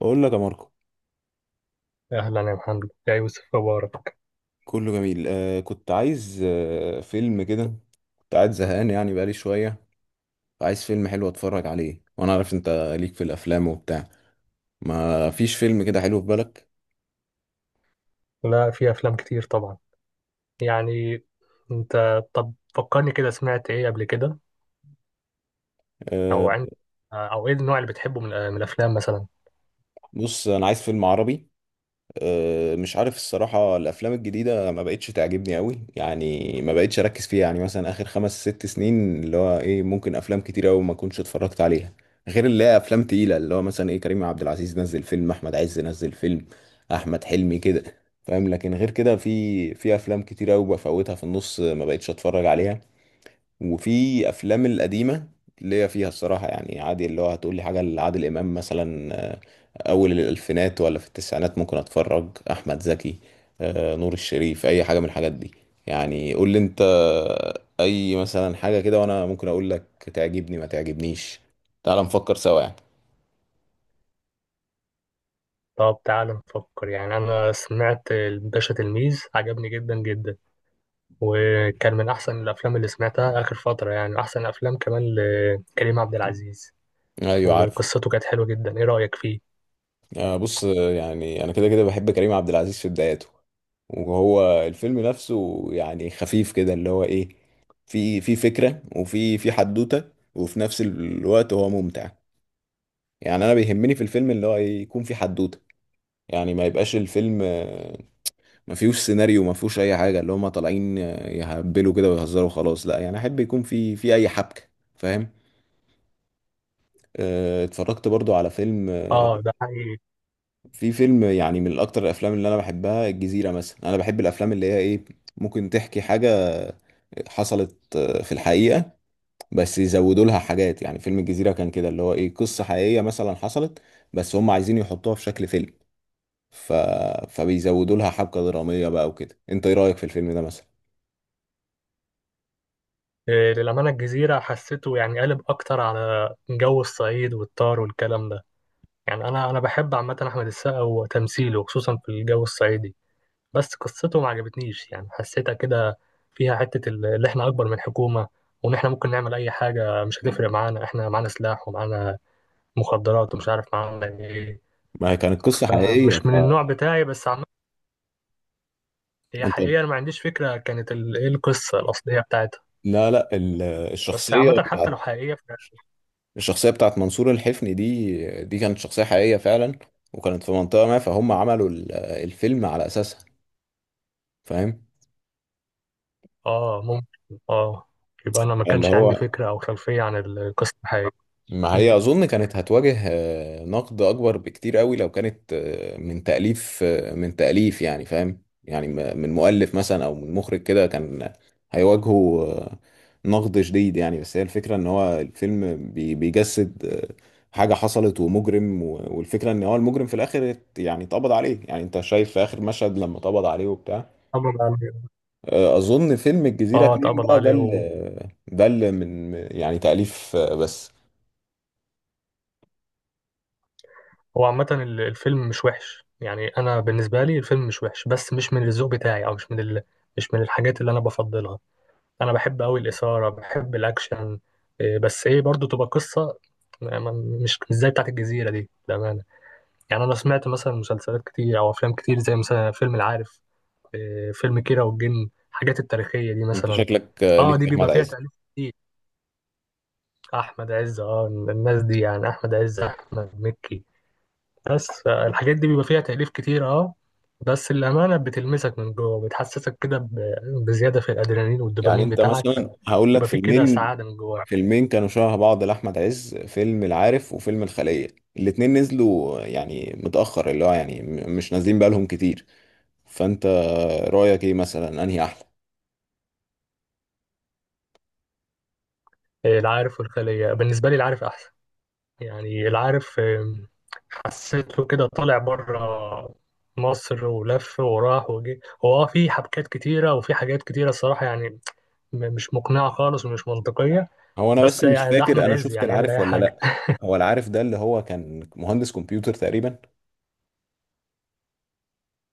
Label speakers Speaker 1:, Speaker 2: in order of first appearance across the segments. Speaker 1: بقول لك يا ماركو.
Speaker 2: أهلا يا محمد يا يوسف مبارك.
Speaker 1: كله جميل. كنت عايز فيلم كده. كنت قاعد زهقان يعني بقالي شوية. عايز فيلم حلو اتفرج عليه، وانا عارف انت ليك في الافلام وبتاع. ما فيش فيلم كده حلو في بالك؟
Speaker 2: لا، في أفلام كتير طبعا. يعني أنت طب فكرني كده، سمعت إيه قبل كده؟
Speaker 1: آه
Speaker 2: أو عند، أو إيه النوع اللي بتحبه من الأفلام مثلا؟
Speaker 1: بص، انا عايز فيلم عربي. مش عارف الصراحة، الأفلام الجديدة ما بقتش تعجبني أوي، يعني ما بقتش أركز فيها. يعني مثلا آخر خمس ست سنين اللي هو إيه، ممكن أفلام كتير أوي ما كنتش اتفرجت عليها. غير اللي هي أفلام تقيلة، اللي هو مثلا إيه، كريم عبد العزيز نزل فيلم، أحمد عز نزل فيلم، أحمد حلمي كده. فاهم؟ لكن غير كده، في أفلام كتير أوي بفوتها في النص، ما بقتش أتفرج عليها. وفي أفلام القديمة اللي هي فيها، الصراحة يعني عادي، اللي هو هتقولي حاجة لعادل إمام مثلا، اول الالفينات ولا في التسعينات ممكن اتفرج، احمد زكي، نور الشريف، اي حاجه من الحاجات دي. يعني قول لي انت، اي مثلا حاجه كده، وانا ممكن اقول لك تعجبني ما تعجبنيش. تعال نفكر سوا يعني.
Speaker 2: طب تعال نفكر يعني. أنا سمعت الباشا تلميذ، عجبني جدا جدا، وكان من أحسن الأفلام اللي سمعتها آخر فترة، يعني أحسن أفلام كمان لكريم عبد العزيز.
Speaker 1: ايوه، عارف.
Speaker 2: وقصته كانت حلوة جدا، إيه رأيك فيه؟
Speaker 1: بص. يعني انا كده كده بحب كريم عبد العزيز في بداياته. وهو الفيلم نفسه يعني خفيف كده، اللي هو ايه، في فكره، وفي حدوته، وفي نفس الوقت هو ممتع. يعني انا بيهمني في الفيلم اللي هو إيه، يكون في حدوته. يعني ما يبقاش الفيلم ما فيهوش سيناريو، ما فيهوش اي حاجه، اللي هم طالعين يهبلوا كده ويهزروا خلاص. لا، يعني احب يكون في اي حبكه. فاهم؟ اتفرجت برضو على فيلم،
Speaker 2: آه ده حقيقي.
Speaker 1: في فيلم يعني من اكتر الافلام اللي انا بحبها الجزيره مثلا. انا بحب الافلام اللي هي ايه، ممكن تحكي حاجه حصلت في الحقيقه، بس يزودوا لها حاجات. يعني فيلم الجزيره كان كده، اللي هو ايه، قصه حقيقيه مثلا حصلت بس هم عايزين يحطوها في شكل فيلم. ف... فبيزودوا لها حبكة درامية بقى وكده. انت ايه رأيك في الفيلم ده مثلا؟
Speaker 2: للأمانة الجزيرة حسيته يعني قالب أكتر على جو الصعيد والطار والكلام ده. يعني أنا بحب عامة أحمد السقا وتمثيله خصوصا في الجو الصعيدي، بس قصته ما عجبتنيش، يعني حسيتها كده فيها حتة اللي إحنا أكبر من الحكومة، وإن إحنا ممكن نعمل أي حاجة مش هتفرق معانا، إحنا معانا سلاح ومعانا مخدرات ومش عارف معانا إيه.
Speaker 1: ما هي كانت قصة حقيقية
Speaker 2: فمش من
Speaker 1: فانت...
Speaker 2: النوع بتاعي، بس عامة هي حقيقة أنا ما عنديش فكرة كانت إيه القصة الأصلية بتاعتها.
Speaker 1: لا، لا،
Speaker 2: بس عامة حتى لو حقيقية،
Speaker 1: الشخصية بتاعت منصور الحفني، دي كانت شخصية حقيقية فعلا. وكانت في منطقة ما، فهم عملوا الفيلم على أساسها. فاهم؟
Speaker 2: اه ممكن اه. يبقى انا ما
Speaker 1: اللي
Speaker 2: كانش عندي
Speaker 1: هو،
Speaker 2: فكره او خلفيه عن القصه الحقيقيه.
Speaker 1: ما
Speaker 2: مم.
Speaker 1: هي اظن كانت هتواجه نقد اكبر بكتير قوي، لو كانت من تأليف، يعني فاهم يعني، من مؤلف مثلا او من مخرج كده، كان هيواجهه نقد شديد يعني. بس هي الفكرة ان هو الفيلم بيجسد حاجة حصلت ومجرم، والفكرة ان هو المجرم في الاخر، يعني اتقبض عليه. يعني انت شايف في اخر مشهد لما اتقبض عليه وبتاع.
Speaker 2: اتقبض عليه.
Speaker 1: اظن فيلم الجزيرة
Speaker 2: اه
Speaker 1: اتنين
Speaker 2: اتقبض
Speaker 1: بقى، ده
Speaker 2: عليه و...
Speaker 1: اللي ده اللي من يعني تأليف، بس.
Speaker 2: هو عامه الفيلم مش وحش، يعني انا بالنسبه لي الفيلم مش وحش، بس مش من الذوق بتاعي، او مش من ال... مش من الحاجات اللي انا بفضلها. انا بحب قوي الاثاره، بحب الاكشن. بس ايه برضو تبقى قصه، ما- ما- مش زي بتاعت الجزيره دي بامانه. يعني انا سمعت مثلا مسلسلات كتير او افلام كتير، زي مثلا فيلم العارف، فيلم كيرة والجن، الحاجات التاريخية دي
Speaker 1: انت
Speaker 2: مثلا.
Speaker 1: شكلك
Speaker 2: اه
Speaker 1: ليك
Speaker 2: دي
Speaker 1: في
Speaker 2: بيبقى
Speaker 1: احمد
Speaker 2: فيها
Speaker 1: عز.
Speaker 2: تأليف كتير. احمد عز، اه الناس دي، يعني احمد عز، احمد مكي. بس الحاجات دي بيبقى فيها تأليف كتير اه. بس الأمانة بتلمسك من جوه، بتحسسك كده بزيادة في الأدرينالين
Speaker 1: يعني
Speaker 2: والدوبامين
Speaker 1: انت
Speaker 2: بتاعك،
Speaker 1: مثلا هقول لك
Speaker 2: فبيبقى فيه كده
Speaker 1: فيلمين،
Speaker 2: سعادة من جواك.
Speaker 1: فيلمين كانوا شبه بعض لاحمد عز، فيلم العارف وفيلم الخلية. الاتنين نزلوا يعني متأخر، اللي هو يعني مش نازلين بقالهم كتير. فانت رأيك ايه مثلا، انهي احلى؟
Speaker 2: العارف والخلية، بالنسبة لي العارف أحسن. يعني العارف حسيته كده طالع بره مصر ولف وراح وجه. هو اه في حبكات كتيرة وفي حاجات كتيرة الصراحة يعني مش مقنعة خالص ومش منطقية.
Speaker 1: هو انا
Speaker 2: بس
Speaker 1: بس مش
Speaker 2: يعني ده
Speaker 1: فاكر
Speaker 2: أحمد
Speaker 1: انا
Speaker 2: عز،
Speaker 1: شفت
Speaker 2: يعني يعمل
Speaker 1: العارف
Speaker 2: أي
Speaker 1: ولا
Speaker 2: حاجة.
Speaker 1: لا. هو العارف ده، اللي هو كان مهندس كمبيوتر تقريبا.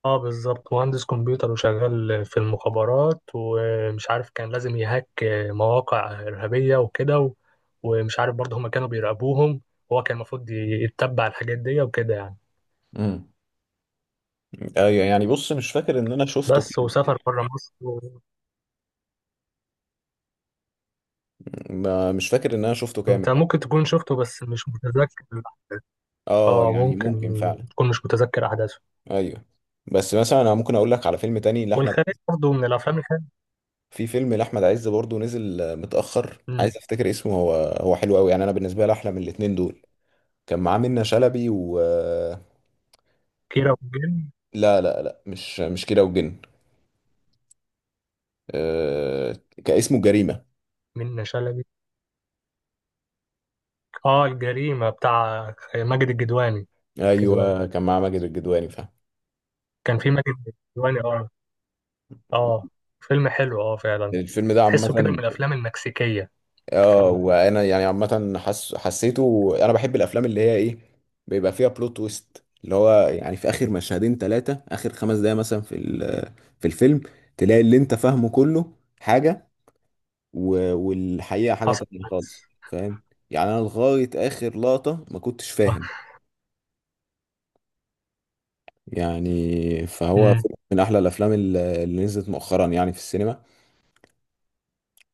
Speaker 2: اه بالظبط، مهندس كمبيوتر وشغال في المخابرات، ومش عارف كان لازم يهاك مواقع إرهابية وكده ومش عارف برضه هما كانوا بيراقبوهم. هو كان المفروض يتبع الحاجات دي وكده يعني.
Speaker 1: امم. ايوه، يعني بص مش فاكر ان انا شفته
Speaker 2: بس
Speaker 1: كامل
Speaker 2: وسافر
Speaker 1: يعني.
Speaker 2: بره مصر.
Speaker 1: مش فاكر ان انا شفته كامل
Speaker 2: انت
Speaker 1: يعني.
Speaker 2: ممكن تكون شفته بس مش متذكر الأحداث.
Speaker 1: اه،
Speaker 2: اه
Speaker 1: يعني
Speaker 2: ممكن
Speaker 1: ممكن فعلا.
Speaker 2: تكون مش متذكر احداثه.
Speaker 1: ايوه. بس مثلا انا ممكن اقول لك على فيلم تاني لاحمد.
Speaker 2: والخارج برضه من الافلام، الخارج.
Speaker 1: في فيلم لاحمد عز برضه نزل متاخر،
Speaker 2: امم.
Speaker 1: عايز افتكر اسمه، هو حلو قوي، يعني انا بالنسبه لي احلى من الاتنين دول. كان معاه منة شلبي و
Speaker 2: كيرة والجن.
Speaker 1: لا، لا، لا، مش كده وجن. آه، كان اسمه جريمه.
Speaker 2: منة شلبي. اه الجريمة بتاع ماجد الجدواني، الجدواني.
Speaker 1: ايوه، كان معاه ماجد الجدواني. فاهم؟
Speaker 2: كان في ماجد الجدواني اه. اه فيلم حلو اه فعلا.
Speaker 1: الفيلم ده عامه،
Speaker 2: تحسه كده من الافلام المكسيكية. في
Speaker 1: اه، وانا يعني عامه حسيته. انا بحب الافلام اللي هي ايه، بيبقى فيها بلوت تويست، اللي هو يعني في اخر مشهدين ثلاثه، اخر 5 دقايق مثلا في الفيلم، تلاقي اللي انت فاهمه كله حاجه والحقيقه حاجه
Speaker 2: حصل
Speaker 1: تانية خالص.
Speaker 2: بس.
Speaker 1: فاهم؟ يعني انا لغايه اخر لقطه ما كنتش
Speaker 2: آه.
Speaker 1: فاهم. يعني فهو
Speaker 2: امم.
Speaker 1: فيلم من احلى الافلام اللي نزلت مؤخرا يعني في السينما.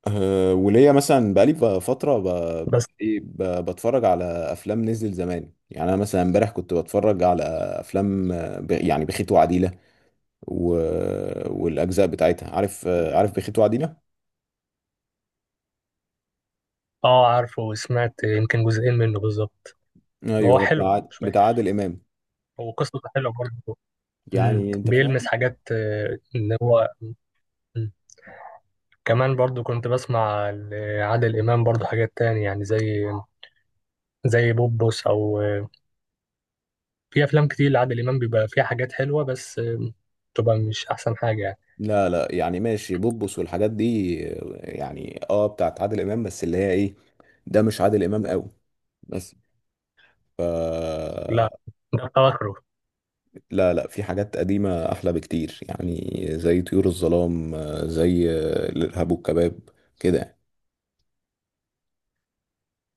Speaker 1: وليا مثلا بقالي فترة،
Speaker 2: بس
Speaker 1: إيه، بتفرج على أفلام نزل زمان. يعني أنا مثلا امبارح كنت بتفرج على أفلام، يعني بخيت وعديلة و... والأجزاء بتاعتها. عارف عارف بخيت وعديلة؟
Speaker 2: اه عارفه، وسمعت يمكن جزئين منه بالظبط. هو
Speaker 1: أيوه،
Speaker 2: حلو مش
Speaker 1: بتاع
Speaker 2: وحش،
Speaker 1: عادل إمام.
Speaker 2: وقصته حلوة برضه. مم.
Speaker 1: يعني أنت فاهم؟
Speaker 2: بيلمس حاجات اللي هو. مم. كمان برضو كنت بسمع لعادل إمام برضو حاجات تاني، يعني زي بوبوس أو. في أفلام كتير لعادل إمام بيبقى فيها حاجات حلوة، بس تبقى مش أحسن حاجة يعني.
Speaker 1: لا، لا، يعني ماشي بوبوس والحاجات دي، يعني بتاعت عادل إمام، بس اللي هي إيه، ده مش عادل إمام قوي، بس ف
Speaker 2: لا ده أواخره.
Speaker 1: لا، لا، في حاجات قديمة أحلى بكتير، يعني زي طيور الظلام، زي الإرهاب والكباب كده يعني.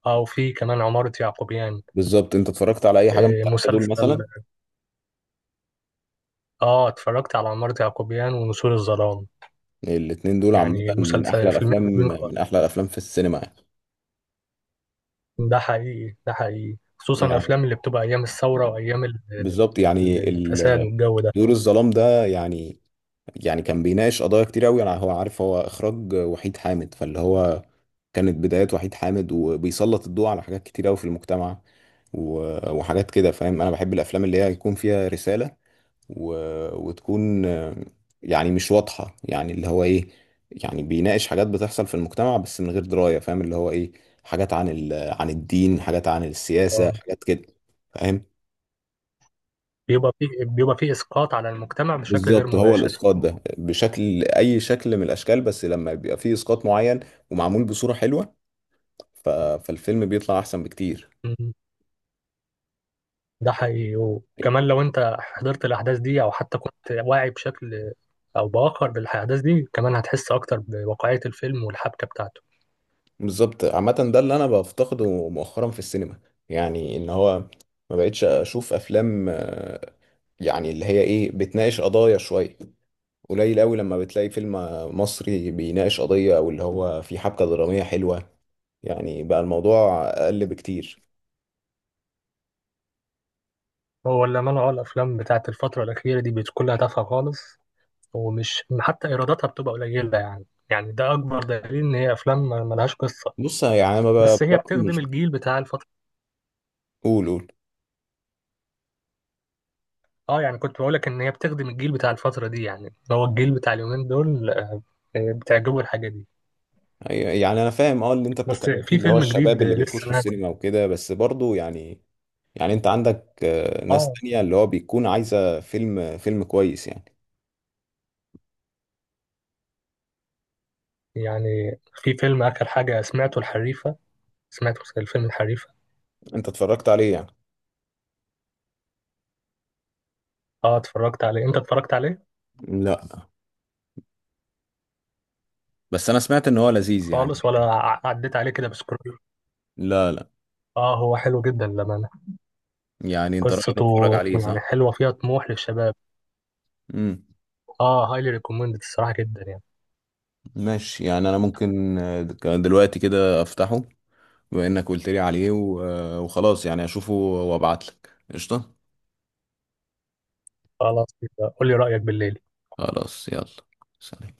Speaker 2: أو في كمان عمارة يعقوبيان.
Speaker 1: بالظبط، أنت اتفرجت على أي حاجة من التلاتة
Speaker 2: مسلسل.
Speaker 1: دول مثلا؟
Speaker 2: آه اتفرجت على عمارة يعقوبيان ونسور الظلام.
Speaker 1: الاتنين دول عامة،
Speaker 2: يعني مسلسل، فيلمين حلوين خالص.
Speaker 1: من أحلى الأفلام في السينما يعني.
Speaker 2: ده حقيقي ده حقيقي، خصوصا
Speaker 1: يعني
Speaker 2: الأفلام اللي بتبقى أيام الثورة وأيام
Speaker 1: بالظبط يعني
Speaker 2: الفساد والجو ده.
Speaker 1: طيور الظلام ده، يعني يعني كان بيناقش قضايا كتير قوي. انا عارف هو اخراج وحيد حامد، فاللي هو، كانت بدايات وحيد حامد، وبيسلط الضوء على حاجات كتير قوي في المجتمع وحاجات كده. فاهم؟ انا بحب الافلام اللي هي يكون فيها رسالة، و... وتكون يعني مش واضحة، يعني اللي هو ايه، يعني بيناقش حاجات بتحصل في المجتمع بس من غير دراية. فاهم؟ اللي هو ايه، حاجات عن عن الدين، حاجات عن السياسة،
Speaker 2: آه.
Speaker 1: حاجات كده. فاهم؟
Speaker 2: بيبقى فيه إسقاط على المجتمع بشكل غير
Speaker 1: بالظبط. هو
Speaker 2: مباشر.
Speaker 1: الاسقاط ده بشكل، اي شكل من الاشكال، بس لما بيبقى فيه اسقاط معين ومعمول بصورة حلوة، ف... فالفيلم بيطلع احسن بكتير.
Speaker 2: مم. ده حقيقي، وكمان لو أنت حضرت الأحداث دي أو حتى كنت واعي بشكل أو بآخر بالأحداث دي، كمان هتحس أكتر بواقعية الفيلم والحبكة بتاعته.
Speaker 1: بالظبط. عامة ده اللي انا بفتقده مؤخرا في السينما، يعني ان هو ما بقتش اشوف افلام، يعني اللي هي ايه بتناقش قضايا شوية. قليل قوي لما بتلاقي فيلم مصري بيناقش قضية، او اللي هو فيه حبكة درامية حلوة. يعني بقى الموضوع اقل بكتير.
Speaker 2: هو الأمانة أه الأفلام بتاعت الفترة الأخيرة دي بتكون لها تافهة خالص، ومش حتى إيراداتها بتبقى قليلة، يعني يعني ده أكبر دليل إن هي أفلام ملهاش قصة.
Speaker 1: بص يعني انا ما بقى
Speaker 2: بس هي
Speaker 1: بصراحة
Speaker 2: بتخدم
Speaker 1: مش...
Speaker 2: الجيل بتاع الفترة.
Speaker 1: قول، قول.
Speaker 2: اه يعني كنت بقولك ان هي بتخدم الجيل بتاع الفترة دي، يعني هو الجيل بتاع اليومين دول بتعجبه الحاجة دي.
Speaker 1: أيوة، يعني انا فاهم اه اللي انت
Speaker 2: بس
Speaker 1: بتتكلم فيه،
Speaker 2: في
Speaker 1: اللي هو
Speaker 2: فيلم
Speaker 1: الشباب
Speaker 2: جديد
Speaker 1: اللي
Speaker 2: لسه
Speaker 1: بيخشوا
Speaker 2: نازل.
Speaker 1: السينما وكده، بس برضو يعني، يعني انت عندك ناس
Speaker 2: اه
Speaker 1: تانية اللي هو بيكون عايزة فيلم كويس يعني.
Speaker 2: يعني في فيلم آخر حاجة سمعته، الحريفة. سمعت الفيلم الحريفة.
Speaker 1: انت اتفرجت عليه يعني؟
Speaker 2: اه اتفرجت عليه، انت اتفرجت عليه؟
Speaker 1: لا، بس انا سمعت ان هو لذيذ يعني.
Speaker 2: خالص ولا عديت عليه كده بسكرول؟
Speaker 1: لا، لا.
Speaker 2: اه هو حلو جدا للأمانة.
Speaker 1: يعني انت رأيك
Speaker 2: قصته
Speaker 1: اتفرج عليه،
Speaker 2: يعني
Speaker 1: صح؟
Speaker 2: حلوة، فيها طموح للشباب.
Speaker 1: امم.
Speaker 2: اه هايلي ريكومندد الصراحة جدا يعني.
Speaker 1: ماشي. يعني انا ممكن دلوقتي كده افتحه، بما انك قلت لي عليه وخلاص يعني، اشوفه وابعت لك قشطة.
Speaker 2: خلاص يبقى قول لي رأيك بالليل.
Speaker 1: خلاص، يلا، سلام.